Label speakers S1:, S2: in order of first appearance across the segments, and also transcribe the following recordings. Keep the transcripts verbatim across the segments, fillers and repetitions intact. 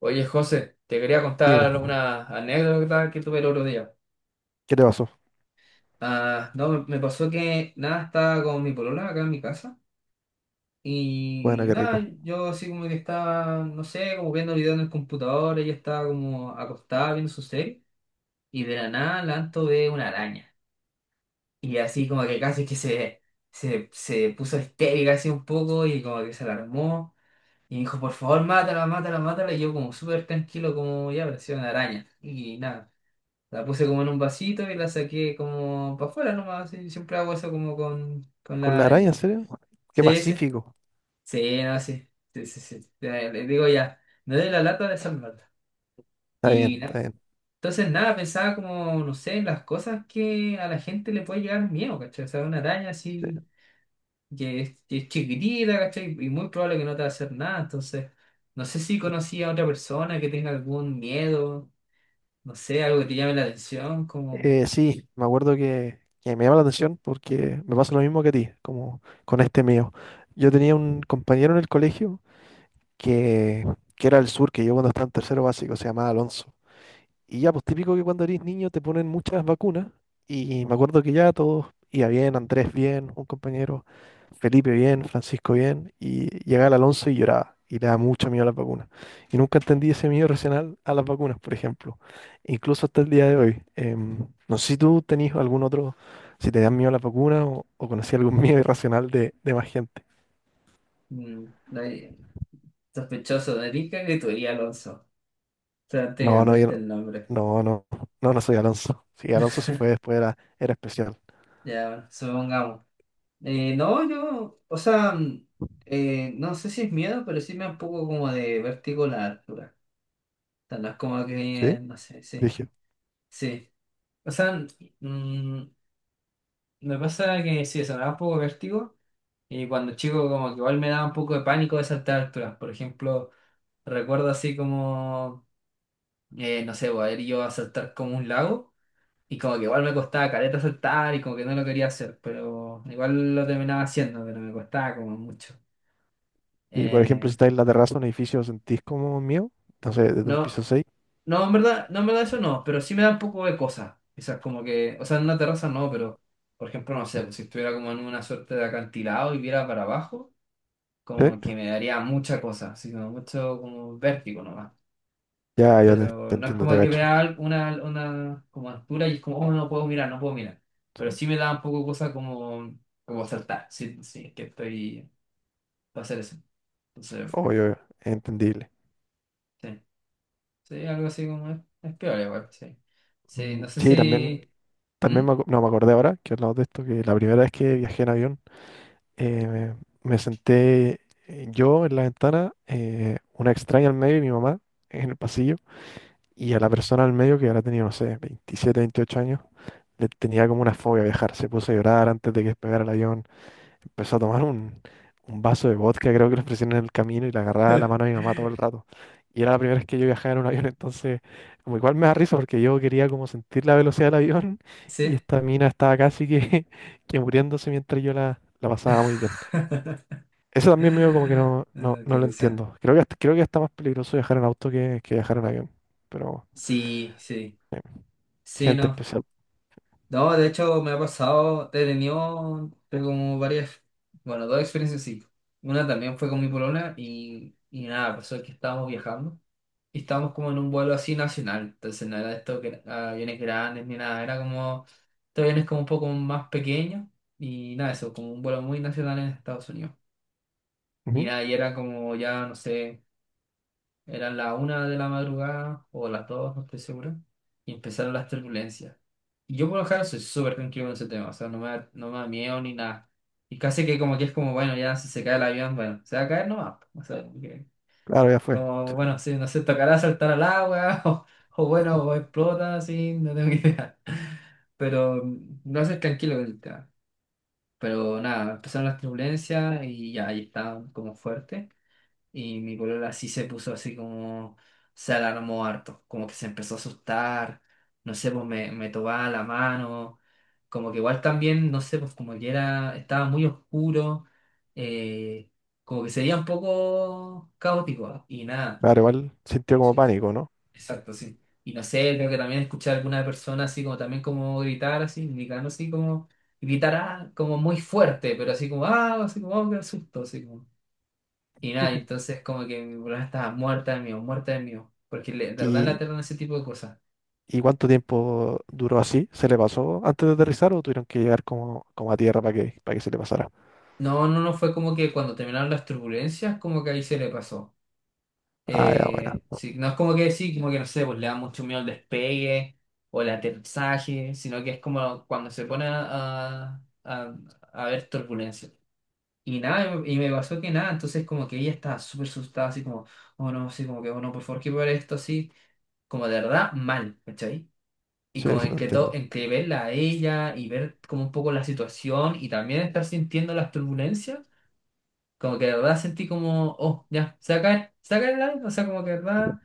S1: Oye, José, te quería
S2: Dime,
S1: contar una anécdota que tuve el otro día.
S2: ¿qué te pasó?
S1: Ah, no, me me pasó que nada, estaba con mi polola acá en mi casa
S2: Bueno,
S1: y
S2: qué
S1: nada,
S2: rico.
S1: yo así como que estaba, no sé, como viendo videos en el computador, ella estaba como acostada viendo su serie y de la nada lanto ve una araña. Y así como que casi que se, se, se puso histérica así un poco y como que se alarmó. Y dijo, por favor, mátala, mátala, mátala. Y yo como súper tranquilo, como ya apareció una araña. Y nada. La puse como en un vasito y la saqué como para afuera nomás. Sí, siempre hago eso como con, con
S2: ¿Con
S1: la
S2: la araña, en
S1: araña.
S2: serio? Qué
S1: Sí, sí.
S2: pacífico.
S1: Sí, no, sí. Sí, sí, sí. Ya, le digo ya, no de la lata de salvarla.
S2: Está bien,
S1: Y na-
S2: está bien.
S1: entonces nada, pensaba como, no sé, en las cosas que a la gente le puede llegar miedo, ¿cachai? O sea, una araña así que es, que es chiquitita, ¿cachai? Y muy probable que no te va a hacer nada. Entonces, no sé si conocí a otra persona que tenga algún miedo, no sé, algo que te llame la atención, como...
S2: Eh, sí, me acuerdo que, que me llama la atención porque me pasa lo mismo que a ti, como con este mío. Yo tenía un compañero en el colegio que, que era del sur, que yo cuando estaba en tercero básico, se llamaba Alonso. Y ya, pues típico que cuando eres niño te ponen muchas vacunas. Y me acuerdo que ya todos iba bien, Andrés bien, un compañero, Felipe bien, Francisco bien. Y llegaba el Alonso y lloraba. Y le da mucho miedo a las vacunas. Y nunca entendí ese miedo racional a las vacunas, por ejemplo. Incluso hasta el día de hoy. Em, no sé si tú tenías algún otro, si te dan miedo a las vacunas o, o conocías algún miedo irracional de, de más gente.
S1: mm, sospechoso de rica que tú eres, Alonso. O sea, antes de
S2: No, no, yo
S1: cambiarte
S2: no.
S1: el nombre.
S2: No, no, no, no soy Alonso. Sí, Alonso se fue después, era, era especial.
S1: Ya, bueno, supongamos. Eh, no, yo, o sea, mm, eh, no sé si es miedo, pero sí me da un poco como de vértigo la altura. O sea, no es como
S2: ¿Sí?
S1: que, no sé, sí,
S2: Dije.
S1: sí. O sea, mm, mm, me pasa que sí, eso me da un poco de vértigo. Y cuando chico, como que igual me daba un poco de pánico de saltar alturas. Por ejemplo, recuerdo así como, eh, no sé, voy a ir yo a saltar como un lago. Y como que igual me costaba caleta soltar y como que no lo quería hacer, pero igual lo terminaba haciendo, pero me costaba como mucho.
S2: Y por ejemplo, si
S1: Eh,
S2: estáis en la terraza de un edificio, sentís como mío, no sé, desde un
S1: no,
S2: piso seis.
S1: no, en verdad, no, en verdad eso no, pero sí me da un poco de cosa. Quizás como que, o sea, en una terraza no, pero por ejemplo, no sé, pues, si estuviera como en una suerte de acantilado y viera para abajo,
S2: ¿Sí?
S1: como que me daría mucha cosa, así como mucho como vértigo nomás.
S2: Ya, yo te,
S1: Pero
S2: te
S1: no es
S2: entiendo, te
S1: como que
S2: gacho.
S1: vea una, una como altura y es como, oh, no puedo mirar, no puedo mirar. Pero
S2: Sí.
S1: sí me da un poco cosa como, como saltar. Sí, sí, es que estoy para hacer eso. Entonces,
S2: Obvio, es entendible.
S1: sí, sí, algo así como es, es peor igual, sí. Sí,
S2: Mm,
S1: no sé
S2: Sí, también,
S1: si... ¿Mm?
S2: también me, acu- no, me acordé ahora que hablamos de esto, que la primera vez que viajé en avión, eh, me, me senté eh, yo en la ventana, eh, una extraña al medio y mi mamá en el pasillo, y a la persona al medio que ahora tenía, no sé, veintisiete, veintiocho años, le tenía como una fobia a viajar, se puso a llorar antes de que despegara el avión. Empezó a tomar un, un vaso de vodka, creo que lo ofrecieron en el camino y le agarraba la mano a mi mamá todo el rato. Y era la primera vez que yo viajaba en un avión, entonces, como igual me da risa porque yo quería como sentir la velocidad del avión y
S1: Sí.
S2: esta mina estaba casi que, que muriéndose mientras yo la, la pasaba muy bien. Eso también medio como que no, no,
S1: Ah, qué
S2: no lo
S1: risa.
S2: entiendo. Creo que, hasta- creo que está más peligroso viajar en auto que, que viajar en avión, pero
S1: Sí, sí.
S2: eh,
S1: Sí,
S2: gente
S1: no.
S2: especial.
S1: No, de hecho me ha pasado, he tenido pero como varias, bueno, dos experiencias sí. Una también fue con mi polona y, y nada, pasó que estábamos viajando y estábamos como en un vuelo así nacional, entonces no era esto que aviones grandes ni nada, era como, estos aviones como un poco más pequeños y nada, eso, como un vuelo muy nacional en Estados Unidos. Y
S2: Ujú.
S1: nada, y era como ya, no sé. Eran la una de la madrugada o las dos, no estoy seguro. Y empezaron las turbulencias. Y yo por lo general soy súper tranquilo con ese tema, o sea, no me da, no me da miedo ni nada. Y casi que como que es como, bueno, ya si se cae el avión, bueno, se va a caer nomás. O sea, como, que-
S2: Claro, ya fue.
S1: como, bueno, si no se tocará saltar al agua o, o bueno, o explota, así, no tengo idea. Pero mm, no soy tranquilo con el tema. Pero nada, empezaron las turbulencias y ya ahí estaban como fuertes. Y mi polola sí se puso así como, se alarmó harto, como que se empezó a asustar, no sé, pues me, me tomaba la mano, como que igual también, no sé, pues como que era, estaba muy oscuro, eh, como que sería un poco caótico, ¿ah? Y nada.
S2: Claro, igual sintió como
S1: Sí,
S2: pánico, ¿no?
S1: exacto, sí. Y no sé, creo que también escuché a alguna persona así como también como gritar así, indicando así como, gritar ah, como muy fuerte, pero así como, ah, así como, oh, qué susto, así como. Y nada, entonces como que mi problema estaba muerta de miedo, muerta de miedo, porque le- de verdad le
S2: Y
S1: aterran ese tipo de cosas.
S2: ¿y cuánto tiempo duró así? ¿Se le pasó antes de aterrizar o tuvieron que llegar como, como a tierra para que, para que se le pasara?
S1: No, no, no fue como que cuando terminaron las turbulencias, como que ahí se le pasó.
S2: Ah, ya,
S1: Eh,
S2: bueno.
S1: sí, no es como que sí, como que no sé, pues le da mucho miedo el despegue o el aterrizaje, sino que es como cuando se pone a, a, a a ver turbulencias. Y nada, y me pasó que nada, entonces como que ella estaba súper asustada, así como, oh no, así como que, oh no, por favor, que ver esto así, como de verdad mal, ¿cachai? Y
S2: Sí,
S1: como
S2: sí, te
S1: en que, to-
S2: entiendo.
S1: en que verla a ella y ver como un poco la situación y también estar sintiendo las turbulencias, como que de verdad sentí como, oh, ya, se va a caer, se va a caer el avión. O sea, como que de
S2: Ya.
S1: verdad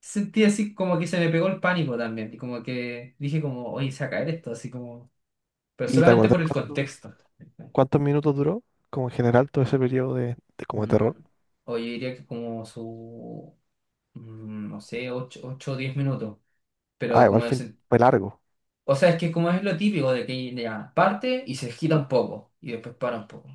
S1: sentí así como que se me pegó el pánico también. Y como que dije como, oye, se va a caer esto, así como, pero
S2: ¿Y te
S1: solamente
S2: acordás
S1: por el
S2: cuánto-
S1: contexto.
S2: cuántos minutos duró? Como en general todo ese periodo de, de como de
S1: Mm,
S2: terror.
S1: oye, diría que como su, mm, no sé, ocho ocho o diez minutos.
S2: Ah,
S1: Pero
S2: igual
S1: como el,
S2: fue,
S1: sen-
S2: fue largo.
S1: o sea, es que como es lo típico de que ya parte y se gira un poco y después para un poco.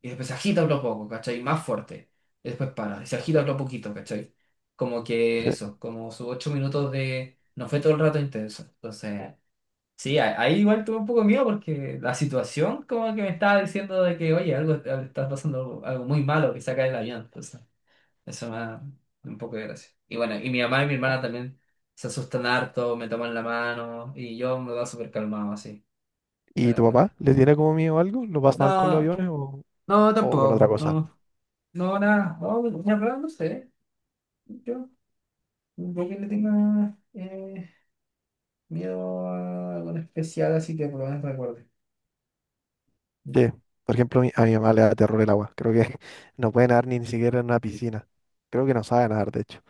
S1: Y después se agita otro poco, ¿cachai? Más fuerte. Y después para. Y se agita otro poquito, ¿cachai? Como que
S2: Sí.
S1: eso, como sus ocho minutos de... No fue todo el rato intenso. Entonces, sí, a- ahí igual tuve un poco de miedo porque la situación como que me estaba diciendo de que, oye, algo está pasando algo, algo muy malo que saca el avión. Entonces, eso me da un poco de gracia. Y bueno, y mi mamá y mi hermana también se asustan harto, me toman la mano y yo me va súper calmado así.
S2: ¿Y
S1: Pero
S2: tu
S1: bueno.
S2: papá le tiene como miedo a algo? ¿Lo pasa mal con los
S1: No,
S2: aviones o,
S1: no,
S2: o con otra
S1: tampoco.
S2: cosa?
S1: No, no, nada, no, en verdad no sé. Yo, yo que le tenga eh, miedo a algo en especial, así que por lo menos recuerde.
S2: Sí. Por ejemplo, a mi, a mi mamá le da terror el agua. Creo que no puede nadar ni, ni siquiera en una piscina. Creo que no sabe nadar, de hecho.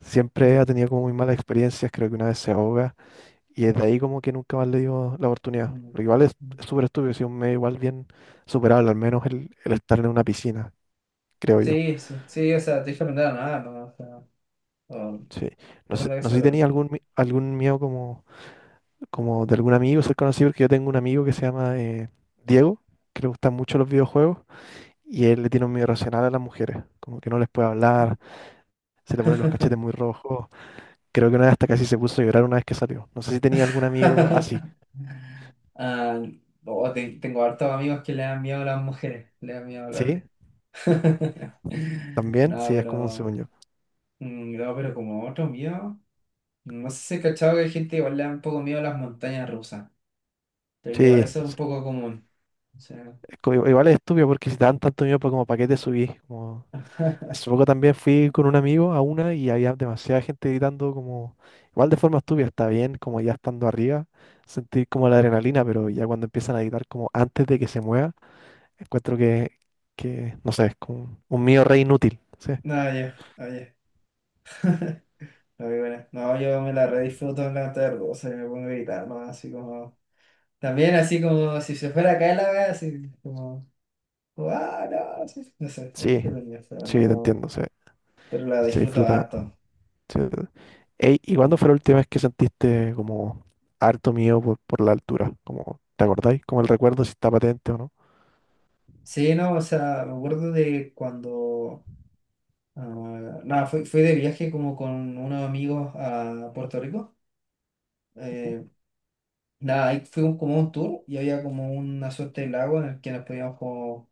S2: Siempre ha
S1: Mm,
S2: tenido como muy malas experiencias. Creo que una vez se ahoga. Y desde ahí como que nunca más le dio la oportunidad.
S1: mm,
S2: Lo que igual es
S1: mm.
S2: es súper estúpido, si un medio igual bien superable, al menos el, el estar en una piscina, creo yo.
S1: Sí, sí, sí, o sea, te dije aprender nada, no, o sea, oh,
S2: Sí. No
S1: es
S2: sé,
S1: verdad que
S2: no sé
S1: soy
S2: si
S1: horrible,
S2: tenía
S1: pero-
S2: algún, mi- algún miedo como, como de algún amigo ser conocido, porque yo tengo un amigo que se llama eh, Diego, que le gustan mucho los videojuegos, y él le tiene un miedo irracional a las mujeres, como que no les puede hablar, se le ponen los cachetes muy rojos. Creo que una vez hasta casi se puso a llorar una vez que salió. No sé si tenía algún amigo así.
S1: Ah, oh, te- tengo hartos amigos que le dan miedo a las mujeres, le dan miedo a
S2: ¿Sí?
S1: hablarle.
S2: ¿También?
S1: No,
S2: Sí, es como un
S1: pero,
S2: sueño.
S1: mm, no, pero como otro miedo, no sé si he cachado que hay gente que igual le da un poco miedo a las montañas rusas. Pero que igual
S2: Sí,
S1: eso es un poco común. O sea,
S2: co- Igual es estúpido porque si te dan tanto miedo, pues como para qué te subís. Como... Hace poco también fui con un amigo a una y había demasiada gente gritando como, igual de forma estúpida, está bien, como ya estando arriba, sentir como la adrenalina, pero ya cuando empiezan a gritar como antes de que se mueva, encuentro que, que no sé, es como un miedo re inútil. Sí,
S1: no, yo, oye. No, y bueno, no, yo me la redisfruto en la tarde, o sea, me pongo a gritar, ¿no? Así como, también así como si se fuera a caer la wea, así como, ¡ah, no! Sí, sí", no sé, es
S2: sí,
S1: entretenido, pero
S2: sí, te
S1: no,
S2: entiendo, sí,
S1: pero la
S2: se
S1: disfruto
S2: disfruta.
S1: harto.
S2: Sí. Ey, ¿y cuándo
S1: Mm.
S2: fue la última vez que sentiste como harto miedo por, por la altura? Como, ¿te acordáis? Como el recuerdo si está patente o no.
S1: Sí, no, o sea, me acuerdo de cuando, ah, nada, fui, fui de viaje como con unos amigos a Puerto Rico, eh, nada, ahí fue un- como un tour y había como una suerte de lago en el que nos podíamos como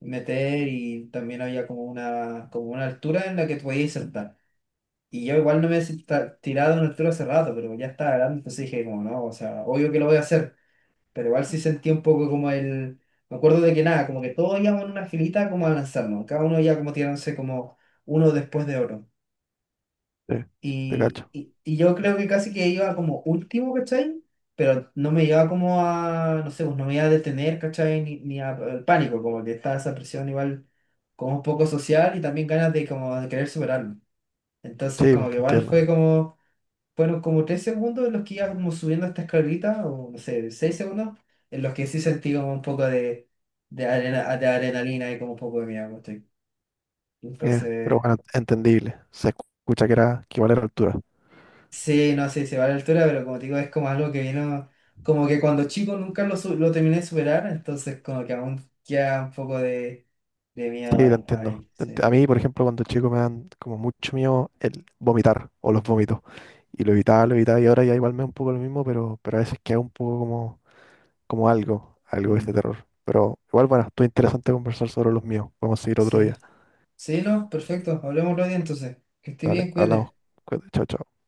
S1: meter y también había como una, como una altura en la que te podías sentar. Y yo igual no me he senta- tirado en una altura hace rato, pero ya estaba grande, entonces dije como no, o sea, obvio que lo voy a hacer, pero igual sí sentí un poco como el... Me acuerdo de que nada, como que todos íbamos en una filita como a lanzarnos, cada uno ya como tirándose como uno después de otro.
S2: Sí, te
S1: Y,
S2: cacho.
S1: y, y yo creo que casi que iba como último, ¿cachai? Pero no me iba como a, no sé, pues no me iba a detener, ¿cachai? Ni, ni a- al pánico, como que estaba esa presión igual como un poco social y también ganas de como de querer superarlo. Entonces
S2: Sí,
S1: como
S2: pues
S1: que
S2: te
S1: igual fue
S2: entiendo.
S1: como, fueron como tres segundos en los que iba como subiendo esta escalerita, o no sé, seis segundos, en los que sí sentí como un poco de, de, arena, de adrenalina y como un poco de miedo, ¿cachai?
S2: Eh, pero
S1: Entonces...
S2: bueno, entendible. Se escucha que era que igual era altura.
S1: Sí, no, sé se va a la altura, pero como te digo, es como algo que vino, como que cuando chico nunca lo, su- lo terminé de superar, entonces como que aún queda un poco de, de
S2: Sí,
S1: miedo
S2: te
S1: ahí,
S2: entiendo.
S1: ahí,
S2: Te ent- A
S1: sí.
S2: mí, por ejemplo, cuando chico me dan como mucho miedo el vomitar o los vómitos. Y lo evitaba, lo evitaba y ahora ya igual me da un poco lo mismo, pero, pero a veces queda un poco como, como algo, algo de
S1: Mm.
S2: este terror. Pero igual, bueno, estuvo interesante conversar sobre los míos. Podemos seguir otro
S1: Sí,
S2: día.
S1: sí, no, perfecto, hablemos otro día entonces. Que esté
S2: Dale,
S1: bien,
S2: hablamos.
S1: cuídate.
S2: Cuídate, chao, chao.